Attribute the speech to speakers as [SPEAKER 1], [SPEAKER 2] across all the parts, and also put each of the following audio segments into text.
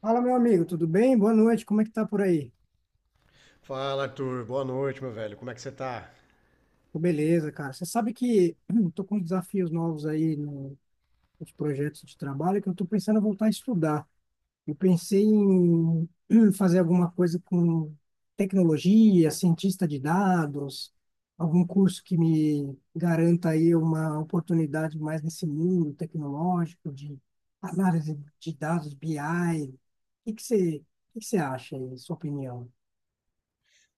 [SPEAKER 1] Fala, meu amigo, tudo bem? Boa noite, como é que tá por aí?
[SPEAKER 2] Fala, Arthur. Boa noite, meu velho. Como é que você tá?
[SPEAKER 1] Tô beleza, cara. Você sabe que eu tô com desafios novos aí nos projetos de trabalho que eu tô pensando em voltar a estudar. Eu pensei em fazer alguma coisa com tecnologia, cientista de dados, algum curso que me garanta aí uma oportunidade mais nesse mundo tecnológico de análise de dados, BI. O o que que você acha aí, sua opinião?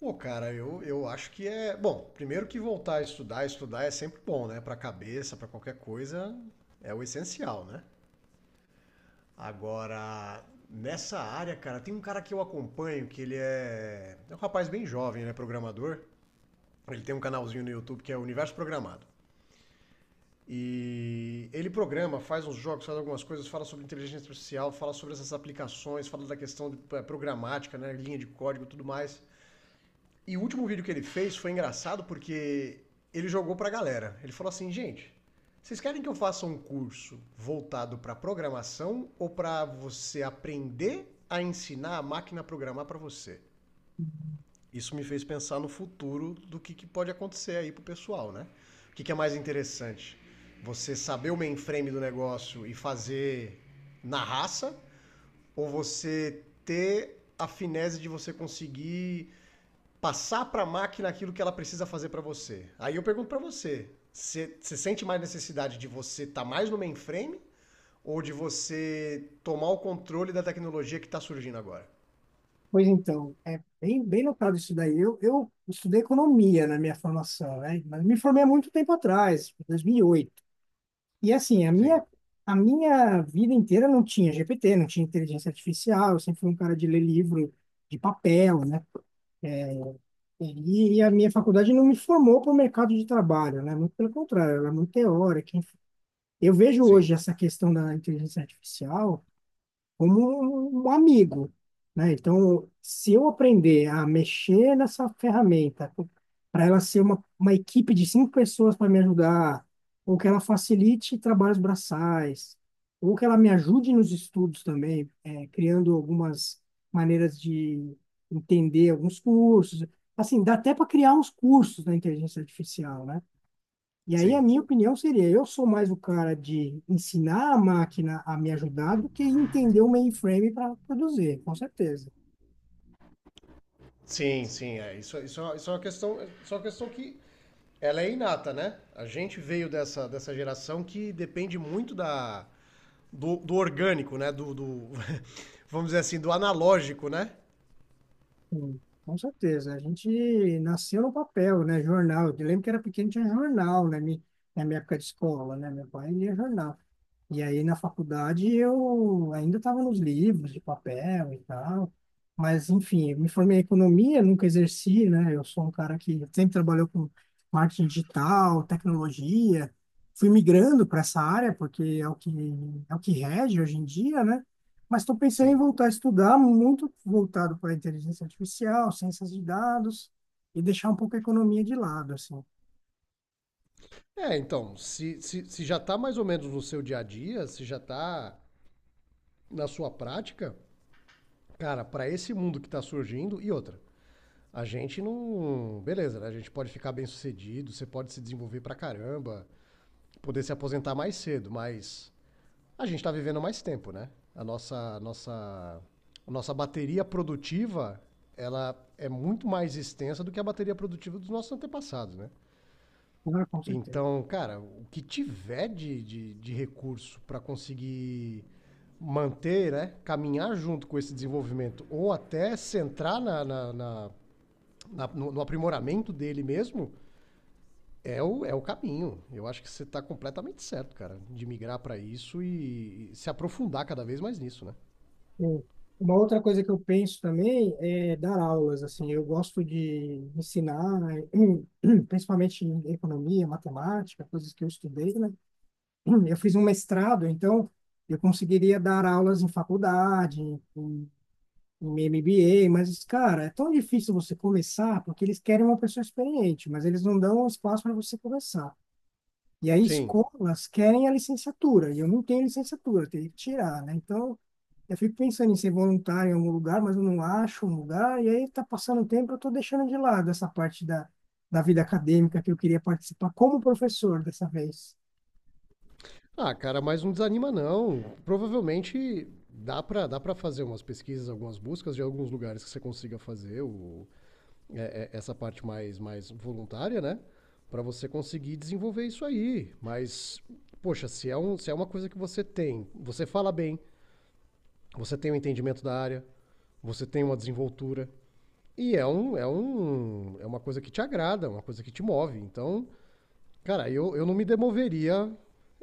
[SPEAKER 2] Pô, cara, eu acho que é. Bom, primeiro que voltar a estudar, estudar é sempre bom, né? Pra cabeça, pra qualquer coisa, é o essencial, né? Agora, nessa área, cara, tem um cara que eu acompanho que ele é. É um rapaz bem jovem, né? Programador. Ele tem um canalzinho no YouTube que é Universo Programado. E ele programa, faz uns jogos, faz algumas coisas, fala sobre inteligência artificial, fala sobre essas aplicações, fala da questão de, programática, né? Linha de código e tudo mais. E o último vídeo que ele fez foi engraçado porque ele jogou pra galera. Ele falou assim, gente, vocês querem que eu faça um curso voltado pra programação ou pra você aprender a ensinar a máquina a programar pra você? Isso me fez pensar no futuro do que, pode acontecer aí pro pessoal, né? O que, que é mais interessante? Você saber o mainframe do negócio e fazer na raça ou você ter a finese de você conseguir passar para a máquina aquilo que ela precisa fazer para você. Aí eu pergunto para você, você sente mais necessidade de você estar tá mais no mainframe ou de você tomar o controle da tecnologia que está surgindo agora?
[SPEAKER 1] Pois então, é bem, bem notado isso daí. Eu estudei economia na minha formação, né? Mas me formei há muito tempo atrás, em 2008, e assim, a
[SPEAKER 2] Sim,
[SPEAKER 1] minha, a minha vida inteira não tinha GPT, não tinha inteligência artificial, eu sempre fui um cara de ler livro de papel, né? E a minha faculdade não me formou para o mercado de trabalho, né? Muito pelo contrário, ela é muito teórica, enfim. Eu vejo
[SPEAKER 2] sim,
[SPEAKER 1] hoje essa questão da inteligência artificial como um amigo, né? Então, se eu aprender a mexer nessa ferramenta, para ela ser uma equipe de cinco pessoas para me ajudar, ou que ela facilite trabalhos braçais, ou que ela me ajude nos estudos também, criando algumas maneiras de entender alguns cursos. Assim, dá até para criar uns cursos na inteligência artificial, né? E aí a
[SPEAKER 2] sim.
[SPEAKER 1] minha opinião seria: eu sou mais o cara de ensinar a máquina a me ajudar do que entender o mainframe para produzir, com certeza.
[SPEAKER 2] Sim, sim, é. Isso, isso é uma questão, isso é uma questão que ela é inata, né? A gente veio dessa, geração que depende muito da, do orgânico, né? Vamos dizer assim, do analógico, né?
[SPEAKER 1] Hum. Com certeza. A gente nasceu no papel, né? Jornal. Eu lembro que era pequeno, tinha jornal, né? Na minha época de escola, né? Meu pai lia jornal. E aí na faculdade eu ainda estava nos livros de papel e tal, mas enfim, eu me formei em economia, nunca exerci, né? Eu sou um cara que sempre trabalhou com marketing digital, tecnologia, fui migrando para essa área porque é o que rege hoje em dia, né? Mas estou pensando em
[SPEAKER 2] Sim.
[SPEAKER 1] voltar a estudar, muito voltado para inteligência artificial, ciências de dados, e deixar um pouco a economia de lado, assim.
[SPEAKER 2] É, então, se já tá mais ou menos no seu dia a dia, se já tá na sua prática, cara, pra esse mundo que tá surgindo, e outra, a gente não. Beleza, né? A gente pode ficar bem sucedido, você pode se desenvolver pra caramba, poder se aposentar mais cedo, mas a gente tá vivendo mais tempo, né? A nossa, a nossa, a nossa bateria produtiva, ela é muito mais extensa do que a bateria produtiva dos nossos antepassados, né?
[SPEAKER 1] Ah, com certeza.
[SPEAKER 2] Então, cara, o que tiver de recurso para conseguir manter, né, caminhar junto com esse desenvolvimento ou até centrar no aprimoramento dele mesmo, é o caminho. Eu acho que você está completamente certo, cara, de migrar para isso e se aprofundar cada vez mais nisso, né?
[SPEAKER 1] Sim. Uma outra coisa que eu penso também é dar aulas, assim, eu gosto de ensinar, né, principalmente em economia, matemática, coisas que eu estudei, né? Eu fiz um mestrado, então eu conseguiria dar aulas em faculdade, em MBA, mas, cara, é tão difícil você começar, porque eles querem uma pessoa experiente, mas eles não dão espaço para você começar. E aí
[SPEAKER 2] Sim.
[SPEAKER 1] escolas querem a licenciatura, e eu não tenho licenciatura, eu teria que tirar, né? Então, eu fico pensando em ser voluntário em algum lugar, mas eu não acho um lugar, e aí tá passando o tempo, eu estou deixando de lado essa parte da vida acadêmica que eu queria participar como professor dessa vez,
[SPEAKER 2] Ah, cara, mas não desanima não. Provavelmente dá para fazer umas pesquisas, algumas buscas de alguns lugares que você consiga fazer essa parte mais voluntária, né? Para você conseguir desenvolver isso aí. Mas, poxa, se é uma coisa que você tem, você fala bem, você tem um entendimento da área, você tem uma desenvoltura. E é uma coisa que te agrada, uma coisa que te move. Então, cara, eu não me demoveria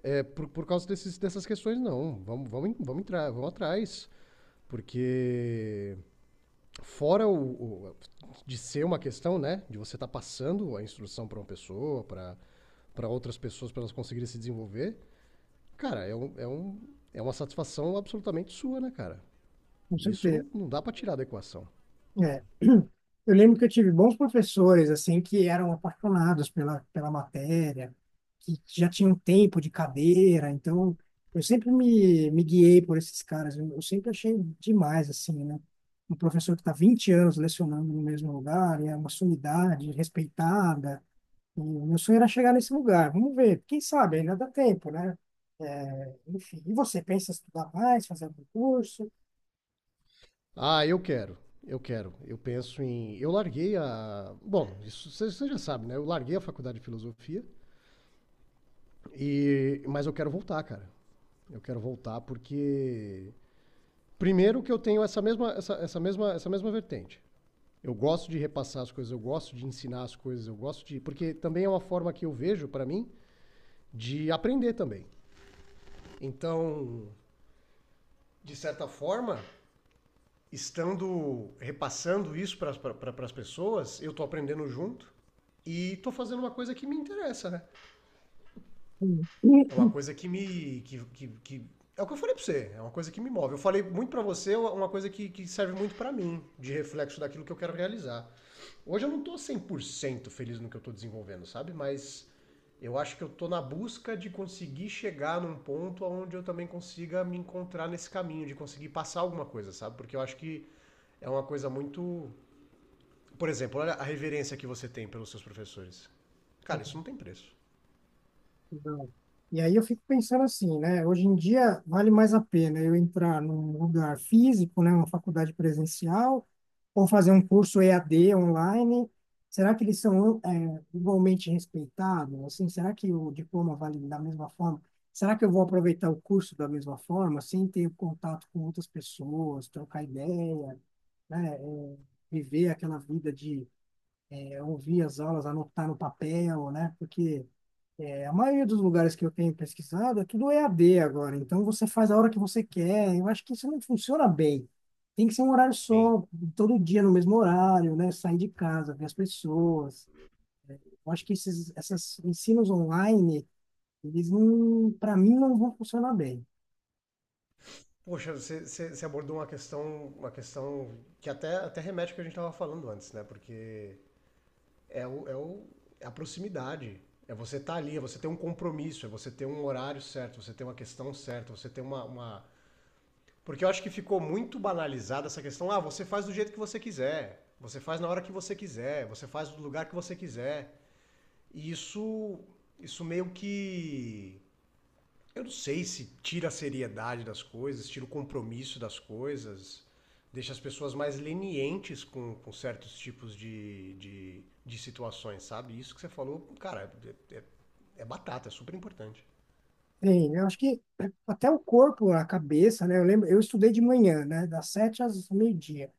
[SPEAKER 2] por causa dessas questões, não. Vamos, vamos, vamos entrar, vamos atrás. Porque fora de ser uma questão, né, de você estar tá passando a instrução para uma pessoa, para outras pessoas, para elas conseguirem se desenvolver, cara, é uma satisfação absolutamente sua, né, cara?
[SPEAKER 1] com
[SPEAKER 2] Isso
[SPEAKER 1] certeza.
[SPEAKER 2] não, não dá para tirar da equação.
[SPEAKER 1] É. Eu lembro que eu tive bons professores, assim, que eram apaixonados pela matéria, que já tinham um tempo de cadeira, então eu sempre me guiei por esses caras, eu sempre achei demais, assim, né? Um professor que está 20 anos lecionando no mesmo lugar, e é uma sumidade respeitada, e o meu sonho era chegar nesse lugar, vamos ver, quem sabe, ainda dá tempo, né? É, enfim, e você pensa em estudar mais, fazer algum curso?
[SPEAKER 2] Ah, eu quero, eu quero. Eu penso em. Eu larguei a. Bom, isso você já sabe, né? Eu larguei a faculdade de filosofia, mas eu quero voltar, cara. Eu quero voltar porque. Primeiro que eu tenho essa mesma vertente. Eu gosto de repassar as coisas, eu gosto de ensinar as coisas, eu gosto de. Porque também é uma forma que eu vejo, para mim, de aprender também. Então, de certa forma, estando repassando isso para as pessoas, eu estou aprendendo junto e estou fazendo uma coisa que me interessa, né?
[SPEAKER 1] Hum.
[SPEAKER 2] É uma coisa que me. É o que eu falei pra você, é uma coisa que me move. Eu falei muito pra você, é uma coisa que serve muito pra mim, de reflexo daquilo que eu quero realizar. Hoje eu não tô 100% feliz no que eu tô desenvolvendo, sabe? Mas eu acho que eu tô na busca de conseguir chegar num ponto onde eu também consiga me encontrar nesse caminho, de conseguir passar alguma coisa, sabe? Porque eu acho que é uma coisa muito. Por exemplo, olha a reverência que você tem pelos seus professores. Cara, isso não tem preço.
[SPEAKER 1] Exato. E aí eu fico pensando assim, né? Hoje em dia vale mais a pena eu entrar num lugar físico, né? Uma faculdade presencial, ou fazer um curso EAD online. Será que eles são igualmente respeitados? Assim, será que o diploma vale da mesma forma? Será que eu vou aproveitar o curso da mesma forma, sem ter contato com outras pessoas, trocar ideia, né? É, viver aquela vida de ouvir as aulas, anotar no papel, né? Porque a maioria dos lugares que eu tenho pesquisado é tudo EAD agora, então você faz a hora que você quer. Eu acho que isso não funciona bem. Tem que ser um horário
[SPEAKER 2] Sim.
[SPEAKER 1] só, todo dia no mesmo horário, né? Sair de casa, ver as pessoas. Eu acho que esses essas ensinos online, eles não, para mim, não vão funcionar bem.
[SPEAKER 2] Poxa, abordou uma questão que até remete ao que a gente estava falando antes, né? Porque é, o, é, o, é a proximidade. É você estar ali, é você ter um compromisso, é você ter um horário certo, você ter uma questão certa, você ter uma, uma. Porque eu acho que ficou muito banalizada essa questão. Ah, você faz do jeito que você quiser, você faz na hora que você quiser, você faz do lugar que você quiser. E isso meio que eu não sei se tira a seriedade das coisas, tira o compromisso das coisas, deixa as pessoas mais lenientes com certos tipos de situações, sabe? Isso que você falou, cara, é, é- é batata, é super importante.
[SPEAKER 1] Tem, eu acho que até o corpo, a cabeça, né? Eu lembro, eu estudei de manhã, né? Das 7 às meio-dia.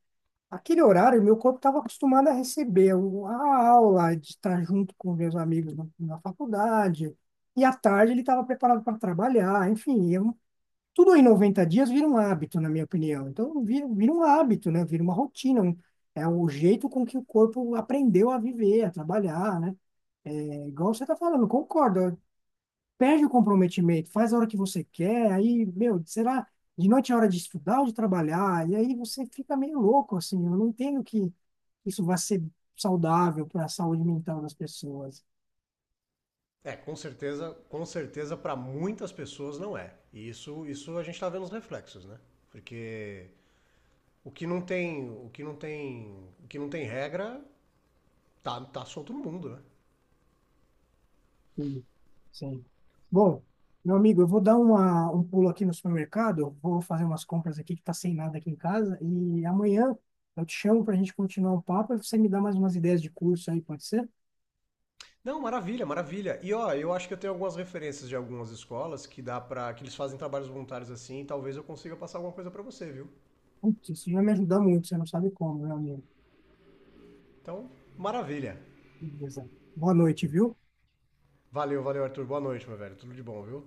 [SPEAKER 1] Aquele horário, meu corpo estava acostumado a receber a aula, de estar junto com meus amigos na faculdade, e à tarde ele estava preparado para trabalhar, enfim, eu, tudo em 90 dias vira um hábito, na minha opinião. Então, vira um hábito, né? Vira uma rotina, é o jeito com que o corpo aprendeu a viver, a trabalhar, né? É igual você está falando, concordo, perde o comprometimento, faz a hora que você quer, aí, meu, será, de noite é hora de estudar ou de trabalhar? E aí você fica meio louco, assim, eu não entendo que isso vai ser saudável para a saúde mental das pessoas.
[SPEAKER 2] É, com certeza para muitas pessoas não é. E isso a gente tá vendo os reflexos, né? Porque o que não tem regra, tá solto no mundo, né?
[SPEAKER 1] Sim. Sim. Bom, meu amigo, eu vou dar uma, um pulo aqui no supermercado, vou fazer umas compras aqui que tá sem nada aqui em casa, e amanhã eu te chamo para a gente continuar o papo e você me dá mais umas ideias de curso aí, pode ser?
[SPEAKER 2] Não, maravilha, maravilha. E ó, eu acho que eu tenho algumas referências de algumas escolas que dá para que eles fazem trabalhos voluntários assim, e talvez eu consiga passar alguma coisa para você, viu?
[SPEAKER 1] Putz, isso vai me ajudar muito, você não sabe como, meu amigo.
[SPEAKER 2] Então, maravilha.
[SPEAKER 1] Beleza. Boa noite, viu?
[SPEAKER 2] Valeu, valeu, Arthur. Boa noite, meu velho. Tudo de bom, viu?